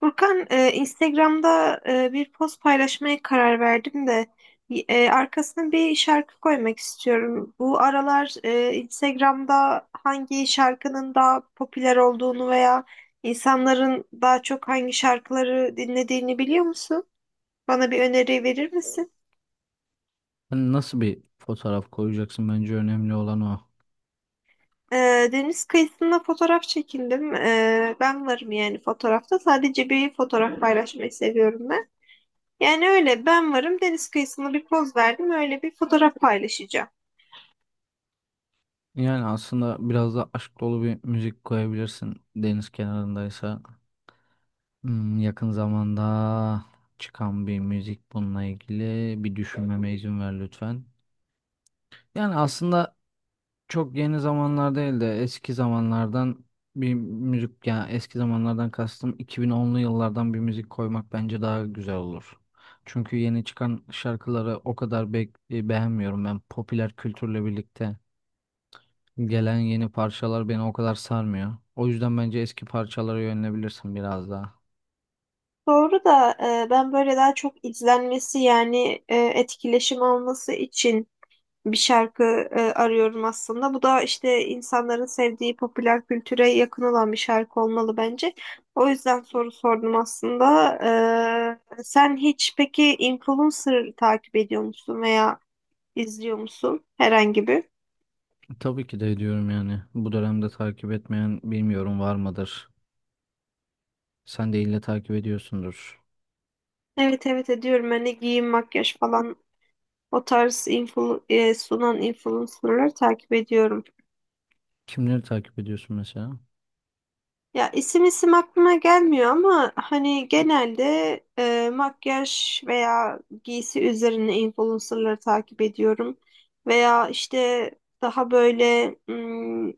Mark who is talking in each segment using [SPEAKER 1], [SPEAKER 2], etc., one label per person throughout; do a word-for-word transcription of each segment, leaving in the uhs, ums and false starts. [SPEAKER 1] Furkan, e, Instagram'da e, bir post paylaşmaya karar verdim de e, arkasına bir şarkı koymak istiyorum. Bu aralar e, Instagram'da hangi şarkının daha popüler olduğunu veya insanların daha çok hangi şarkıları dinlediğini biliyor musun? Bana bir öneri verir misin?
[SPEAKER 2] Hani nasıl bir fotoğraf koyacaksın, bence önemli olan o.
[SPEAKER 1] E, Deniz kıyısında fotoğraf çekindim. E, ben varım yani fotoğrafta. Sadece bir fotoğraf paylaşmayı seviyorum ben. Yani öyle ben varım, deniz kıyısında bir poz verdim, öyle bir fotoğraf paylaşacağım.
[SPEAKER 2] Yani aslında biraz da aşk dolu bir müzik koyabilirsin deniz kenarındaysa. Hmm, yakın zamanda çıkan bir müzik, bununla ilgili bir düşünmeme izin ver lütfen. Yani aslında çok yeni zamanlar değil de eski zamanlardan bir müzik, yani eski zamanlardan kastım iki bin onlu yıllardan bir müzik koymak bence daha güzel olur. Çünkü yeni çıkan şarkıları o kadar be e, beğenmiyorum ben. Popüler kültürle birlikte gelen yeni parçalar beni o kadar sarmıyor. O yüzden bence eski parçalara yönelebilirsin biraz daha.
[SPEAKER 1] Doğru da e, ben böyle daha çok izlenmesi yani e, etkileşim alması için bir şarkı e, arıyorum aslında. Bu da işte insanların sevdiği popüler kültüre yakın olan bir şarkı olmalı bence. O yüzden soru sordum aslında. E, sen hiç peki influencer takip ediyor musun veya izliyor musun herhangi bir?
[SPEAKER 2] Tabii ki de ediyorum yani. Bu dönemde takip etmeyen bilmiyorum, var mıdır? Sen de ille takip ediyorsundur.
[SPEAKER 1] Evet, evet ediyorum. Hani giyim, makyaj falan. O tarz influ e, sunan influencerları takip ediyorum.
[SPEAKER 2] Kimleri takip ediyorsun mesela?
[SPEAKER 1] Ya isim isim aklıma gelmiyor ama hani genelde e, makyaj veya giysi üzerine influencerları takip ediyorum. Veya işte daha böyle mm,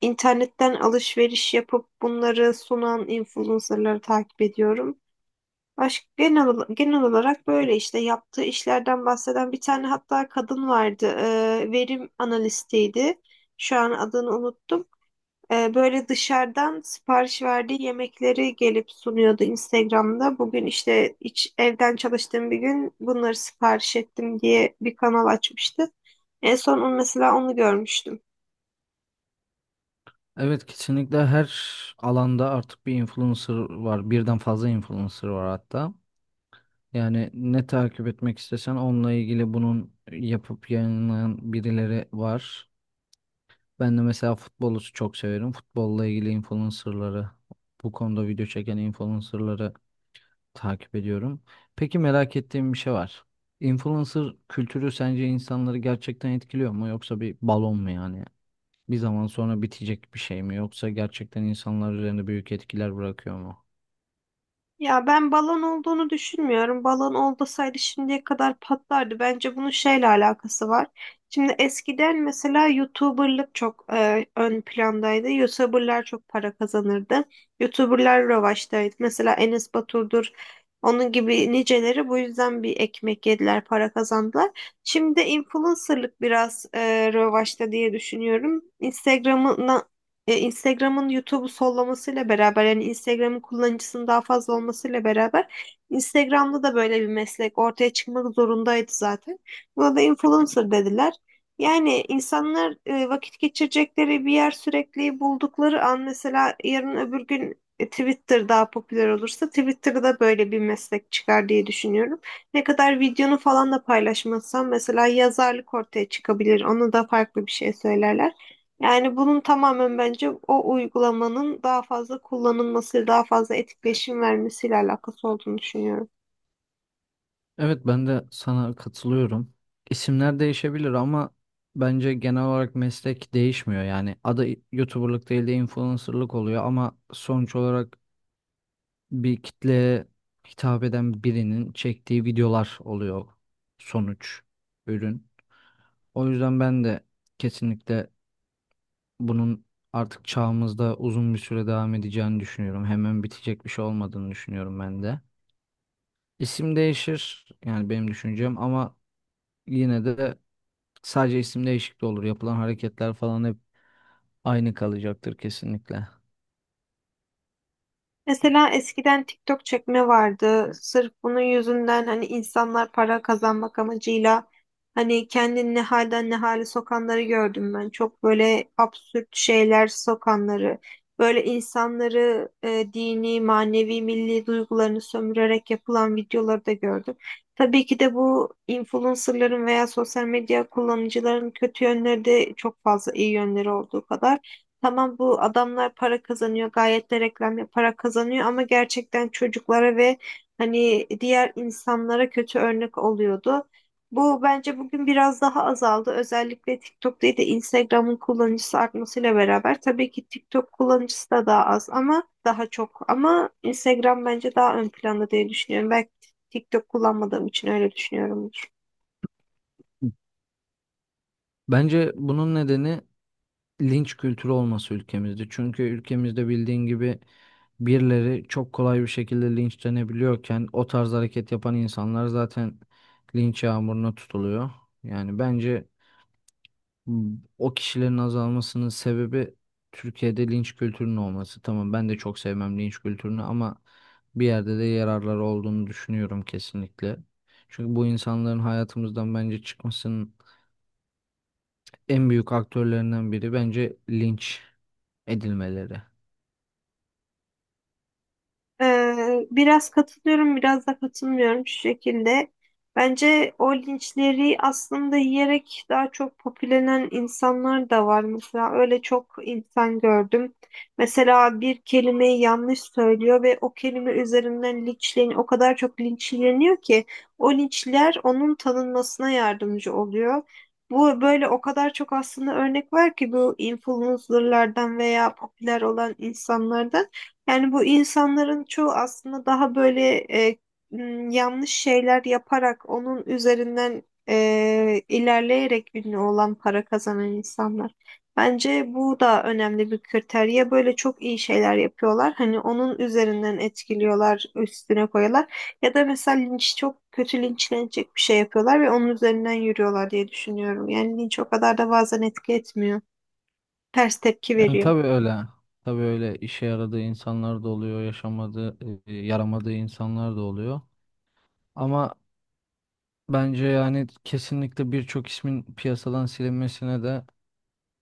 [SPEAKER 1] internetten alışveriş yapıp bunları sunan influencerları takip ediyorum. Aşk genel, ola- genel olarak böyle işte yaptığı işlerden bahseden bir tane hatta kadın vardı. Ee, verim analistiydi. Şu an adını unuttum. Ee, böyle dışarıdan sipariş verdiği yemekleri gelip sunuyordu Instagram'da. Bugün işte hiç evden çalıştığım bir gün bunları sipariş ettim diye bir kanal açmıştı. En son onu- mesela onu görmüştüm.
[SPEAKER 2] Evet, kesinlikle her alanda artık bir influencer var. Birden fazla influencer var hatta. Yani ne takip etmek istesen onunla ilgili bunun yapıp yayınlayan birileri var. Ben de mesela futbolu çok severim. Futbolla ilgili influencerları, bu konuda video çeken influencerları takip ediyorum. Peki, merak ettiğim bir şey var. Influencer kültürü sence insanları gerçekten etkiliyor mu, yoksa bir balon mu yani? Bir zaman sonra bitecek bir şey mi, yoksa gerçekten insanlar üzerinde büyük etkiler bırakıyor mu?
[SPEAKER 1] Ya ben balon olduğunu düşünmüyorum. Balon olmasaydı şimdiye kadar patlardı. Bence bunun şeyle alakası var. Şimdi eskiden mesela YouTuber'lık çok e, ön plandaydı. YouTuber'lar çok para kazanırdı. YouTuber'lar revaçtaydı. Mesela Enes Batur'dur. Onun gibi niceleri bu yüzden bir ekmek yediler, para kazandılar. Şimdi influencer'lık biraz e, revaçta diye düşünüyorum. Instagram'ın e, Instagram'ın YouTube'u sollamasıyla beraber yani Instagram'ın kullanıcısının daha fazla olmasıyla beraber Instagram'da da böyle bir meslek ortaya çıkmak zorundaydı zaten. Buna da influencer dediler. Yani insanlar e, vakit geçirecekleri bir yer sürekli buldukları an mesela yarın öbür gün e, Twitter daha popüler olursa Twitter'da böyle bir meslek çıkar diye düşünüyorum. Ne kadar videonu falan da paylaşmazsan mesela yazarlık ortaya çıkabilir. Onu da farklı bir şey söylerler. Yani bunun tamamen bence o uygulamanın daha fazla kullanılması, daha fazla etkileşim vermesiyle alakası olduğunu düşünüyorum.
[SPEAKER 2] Evet, ben de sana katılıyorum. İsimler değişebilir ama bence genel olarak meslek değişmiyor. Yani adı YouTuber'lık değil de influencer'lık oluyor, ama sonuç olarak bir kitleye hitap eden birinin çektiği videolar oluyor sonuç, ürün. O yüzden ben de kesinlikle bunun artık çağımızda uzun bir süre devam edeceğini düşünüyorum. Hemen bitecek bir şey olmadığını düşünüyorum ben de. İsim değişir yani, benim düşüncem, ama yine de sadece isim değişikliği olur. Yapılan hareketler falan hep aynı kalacaktır kesinlikle.
[SPEAKER 1] Mesela eskiden TikTok çekme vardı. Sırf bunun yüzünden hani insanlar para kazanmak amacıyla hani kendini ne halden ne hale sokanları gördüm ben. Çok böyle absürt şeyler sokanları. Böyle insanları e, dini, manevi, milli duygularını sömürerek yapılan videoları da gördüm. Tabii ki de bu influencerların veya sosyal medya kullanıcıların kötü yönleri de çok fazla, iyi yönleri olduğu kadar. Tamam, bu adamlar para kazanıyor, gayet de reklam yaparak kazanıyor ama gerçekten çocuklara ve hani diğer insanlara kötü örnek oluyordu. Bu bence bugün biraz daha azaldı. Özellikle TikTok değil de Instagram'ın kullanıcısı artmasıyla beraber tabii ki TikTok kullanıcısı da daha az ama daha çok. Ama Instagram bence daha ön planda diye düşünüyorum. Belki TikTok kullanmadığım için öyle düşünüyorumdur.
[SPEAKER 2] Bence bunun nedeni linç kültürü olması ülkemizde. Çünkü ülkemizde bildiğin gibi birileri çok kolay bir şekilde linçlenebiliyorken, o tarz hareket yapan insanlar zaten linç yağmuruna tutuluyor. Yani bence, hmm, o kişilerin azalmasının sebebi Türkiye'de linç kültürünün olması. Tamam, ben de çok sevmem linç kültürünü, ama bir yerde de yararları olduğunu düşünüyorum kesinlikle. Çünkü bu insanların hayatımızdan bence çıkmasının en büyük aktörlerinden biri bence linç edilmeleri.
[SPEAKER 1] Ee, biraz katılıyorum, biraz da katılmıyorum şu şekilde. Bence o linçleri aslında yiyerek daha çok popülenen insanlar da var. Mesela öyle çok insan gördüm. Mesela bir kelimeyi yanlış söylüyor ve o kelime üzerinden linçleniyor. O kadar çok linçleniyor ki o linçler onun tanınmasına yardımcı oluyor. Bu böyle o kadar çok aslında örnek var ki bu influencerlardan veya popüler olan insanlardan. Yani bu insanların çoğu aslında daha böyle e, m, yanlış şeyler yaparak onun üzerinden e, ilerleyerek ünlü olan, para kazanan insanlar. Bence bu da önemli bir kriter. Ya böyle çok iyi şeyler yapıyorlar. Hani onun üzerinden etkiliyorlar, üstüne koyuyorlar. Ya da mesela linç, çok kötü linçlenecek bir şey yapıyorlar ve onun üzerinden yürüyorlar diye düşünüyorum. Yani linç o kadar da bazen etki etmiyor. Ters tepki
[SPEAKER 2] Yani
[SPEAKER 1] veriyor.
[SPEAKER 2] tabii öyle. Tabii öyle, işe yaradığı insanlar da oluyor, yaşamadığı, e, yaramadığı insanlar da oluyor. Ama bence yani kesinlikle birçok ismin piyasadan silinmesine de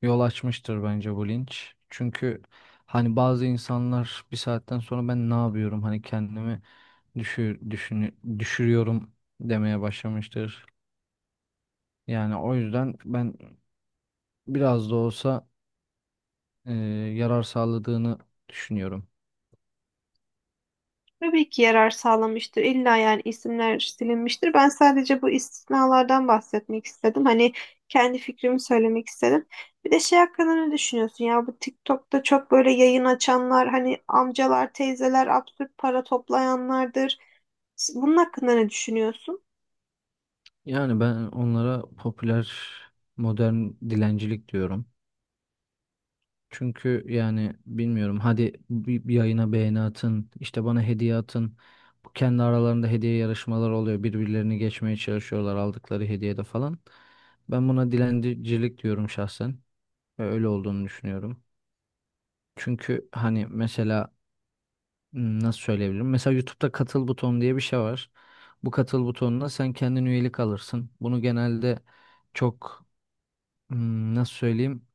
[SPEAKER 2] yol açmıştır bence bu linç. Çünkü hani bazı insanlar bir saatten sonra ben ne yapıyorum, hani kendimi düşür, düşünü- düşürüyorum demeye başlamıştır. Yani o yüzden ben biraz da olsa e, yarar sağladığını düşünüyorum.
[SPEAKER 1] Tabii ki yarar sağlamıştır. İlla yani isimler silinmiştir. Ben sadece bu istisnalardan bahsetmek istedim. Hani kendi fikrimi söylemek istedim. Bir de şey hakkında ne düşünüyorsun ya? Bu TikTok'ta çok böyle yayın açanlar, hani amcalar, teyzeler, absürt para toplayanlardır. Bunun hakkında ne düşünüyorsun?
[SPEAKER 2] Yani ben onlara popüler modern dilencilik diyorum. Çünkü yani bilmiyorum, hadi bir, bir yayına beğeni atın, işte bana hediye atın. Bu kendi aralarında hediye yarışmaları oluyor, birbirlerini geçmeye çalışıyorlar aldıkları hediyede falan. Ben buna dilencilik diyorum şahsen ve öyle olduğunu düşünüyorum. Çünkü hani mesela, hmm, nasıl söyleyebilirim? Mesela YouTube'da katıl butonu diye bir şey var. Bu katıl butonuna sen kendin üyelik alırsın. Bunu genelde çok, hmm, nasıl söyleyeyim?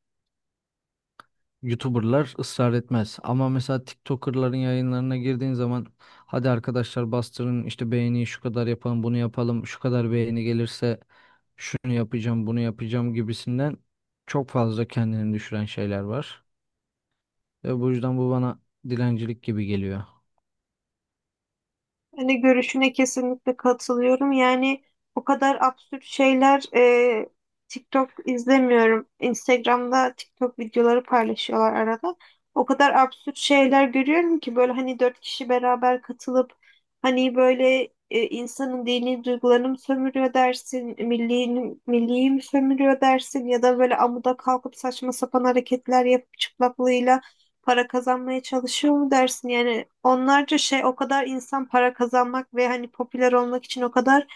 [SPEAKER 2] YouTuber'lar ısrar etmez. Ama mesela TikToker'ların yayınlarına girdiğin zaman hadi arkadaşlar bastırın işte, beğeniyi şu kadar yapalım, bunu yapalım, şu kadar beğeni gelirse şunu yapacağım, bunu yapacağım gibisinden çok fazla kendini düşüren şeyler var. Ve bu yüzden bu bana dilencilik gibi geliyor.
[SPEAKER 1] Ben de görüşüne kesinlikle katılıyorum. Yani o kadar absürt şeyler. e, TikTok izlemiyorum. Instagram'da TikTok videoları paylaşıyorlar arada. O kadar absürt şeyler görüyorum ki böyle hani dört kişi beraber katılıp hani böyle e, insanın dini duygularını mı sömürüyor dersin, milliğini, milliyi mi sömürüyor dersin ya da böyle amuda kalkıp saçma sapan hareketler yapıp çıplaklığıyla para kazanmaya çalışıyor mu dersin? Yani onlarca şey, o kadar insan para kazanmak ve hani popüler olmak için o kadar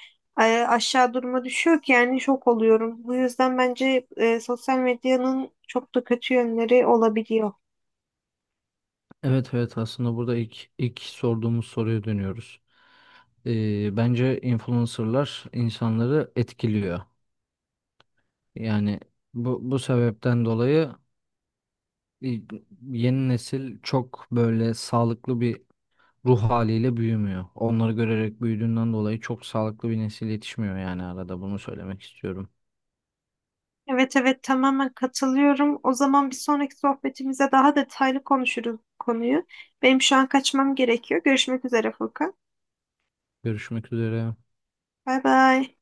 [SPEAKER 1] e, aşağı duruma düşüyor ki yani şok oluyorum. Bu yüzden bence e, sosyal medyanın çok da kötü yönleri olabiliyor.
[SPEAKER 2] Evet, evet, aslında burada ilk, ilk sorduğumuz soruya dönüyoruz. Ee, bence influencer'lar insanları etkiliyor. Yani bu, bu sebepten dolayı e, yeni nesil çok böyle sağlıklı bir ruh haliyle büyümüyor. Onları görerek büyüdüğünden dolayı çok sağlıklı bir nesil yetişmiyor yani, arada bunu söylemek istiyorum.
[SPEAKER 1] Evet, evet tamamen katılıyorum. O zaman bir sonraki sohbetimize daha detaylı konuşuruz bu konuyu. Benim şu an kaçmam gerekiyor. Görüşmek üzere Furkan.
[SPEAKER 2] Görüşmek üzere.
[SPEAKER 1] Bay bay.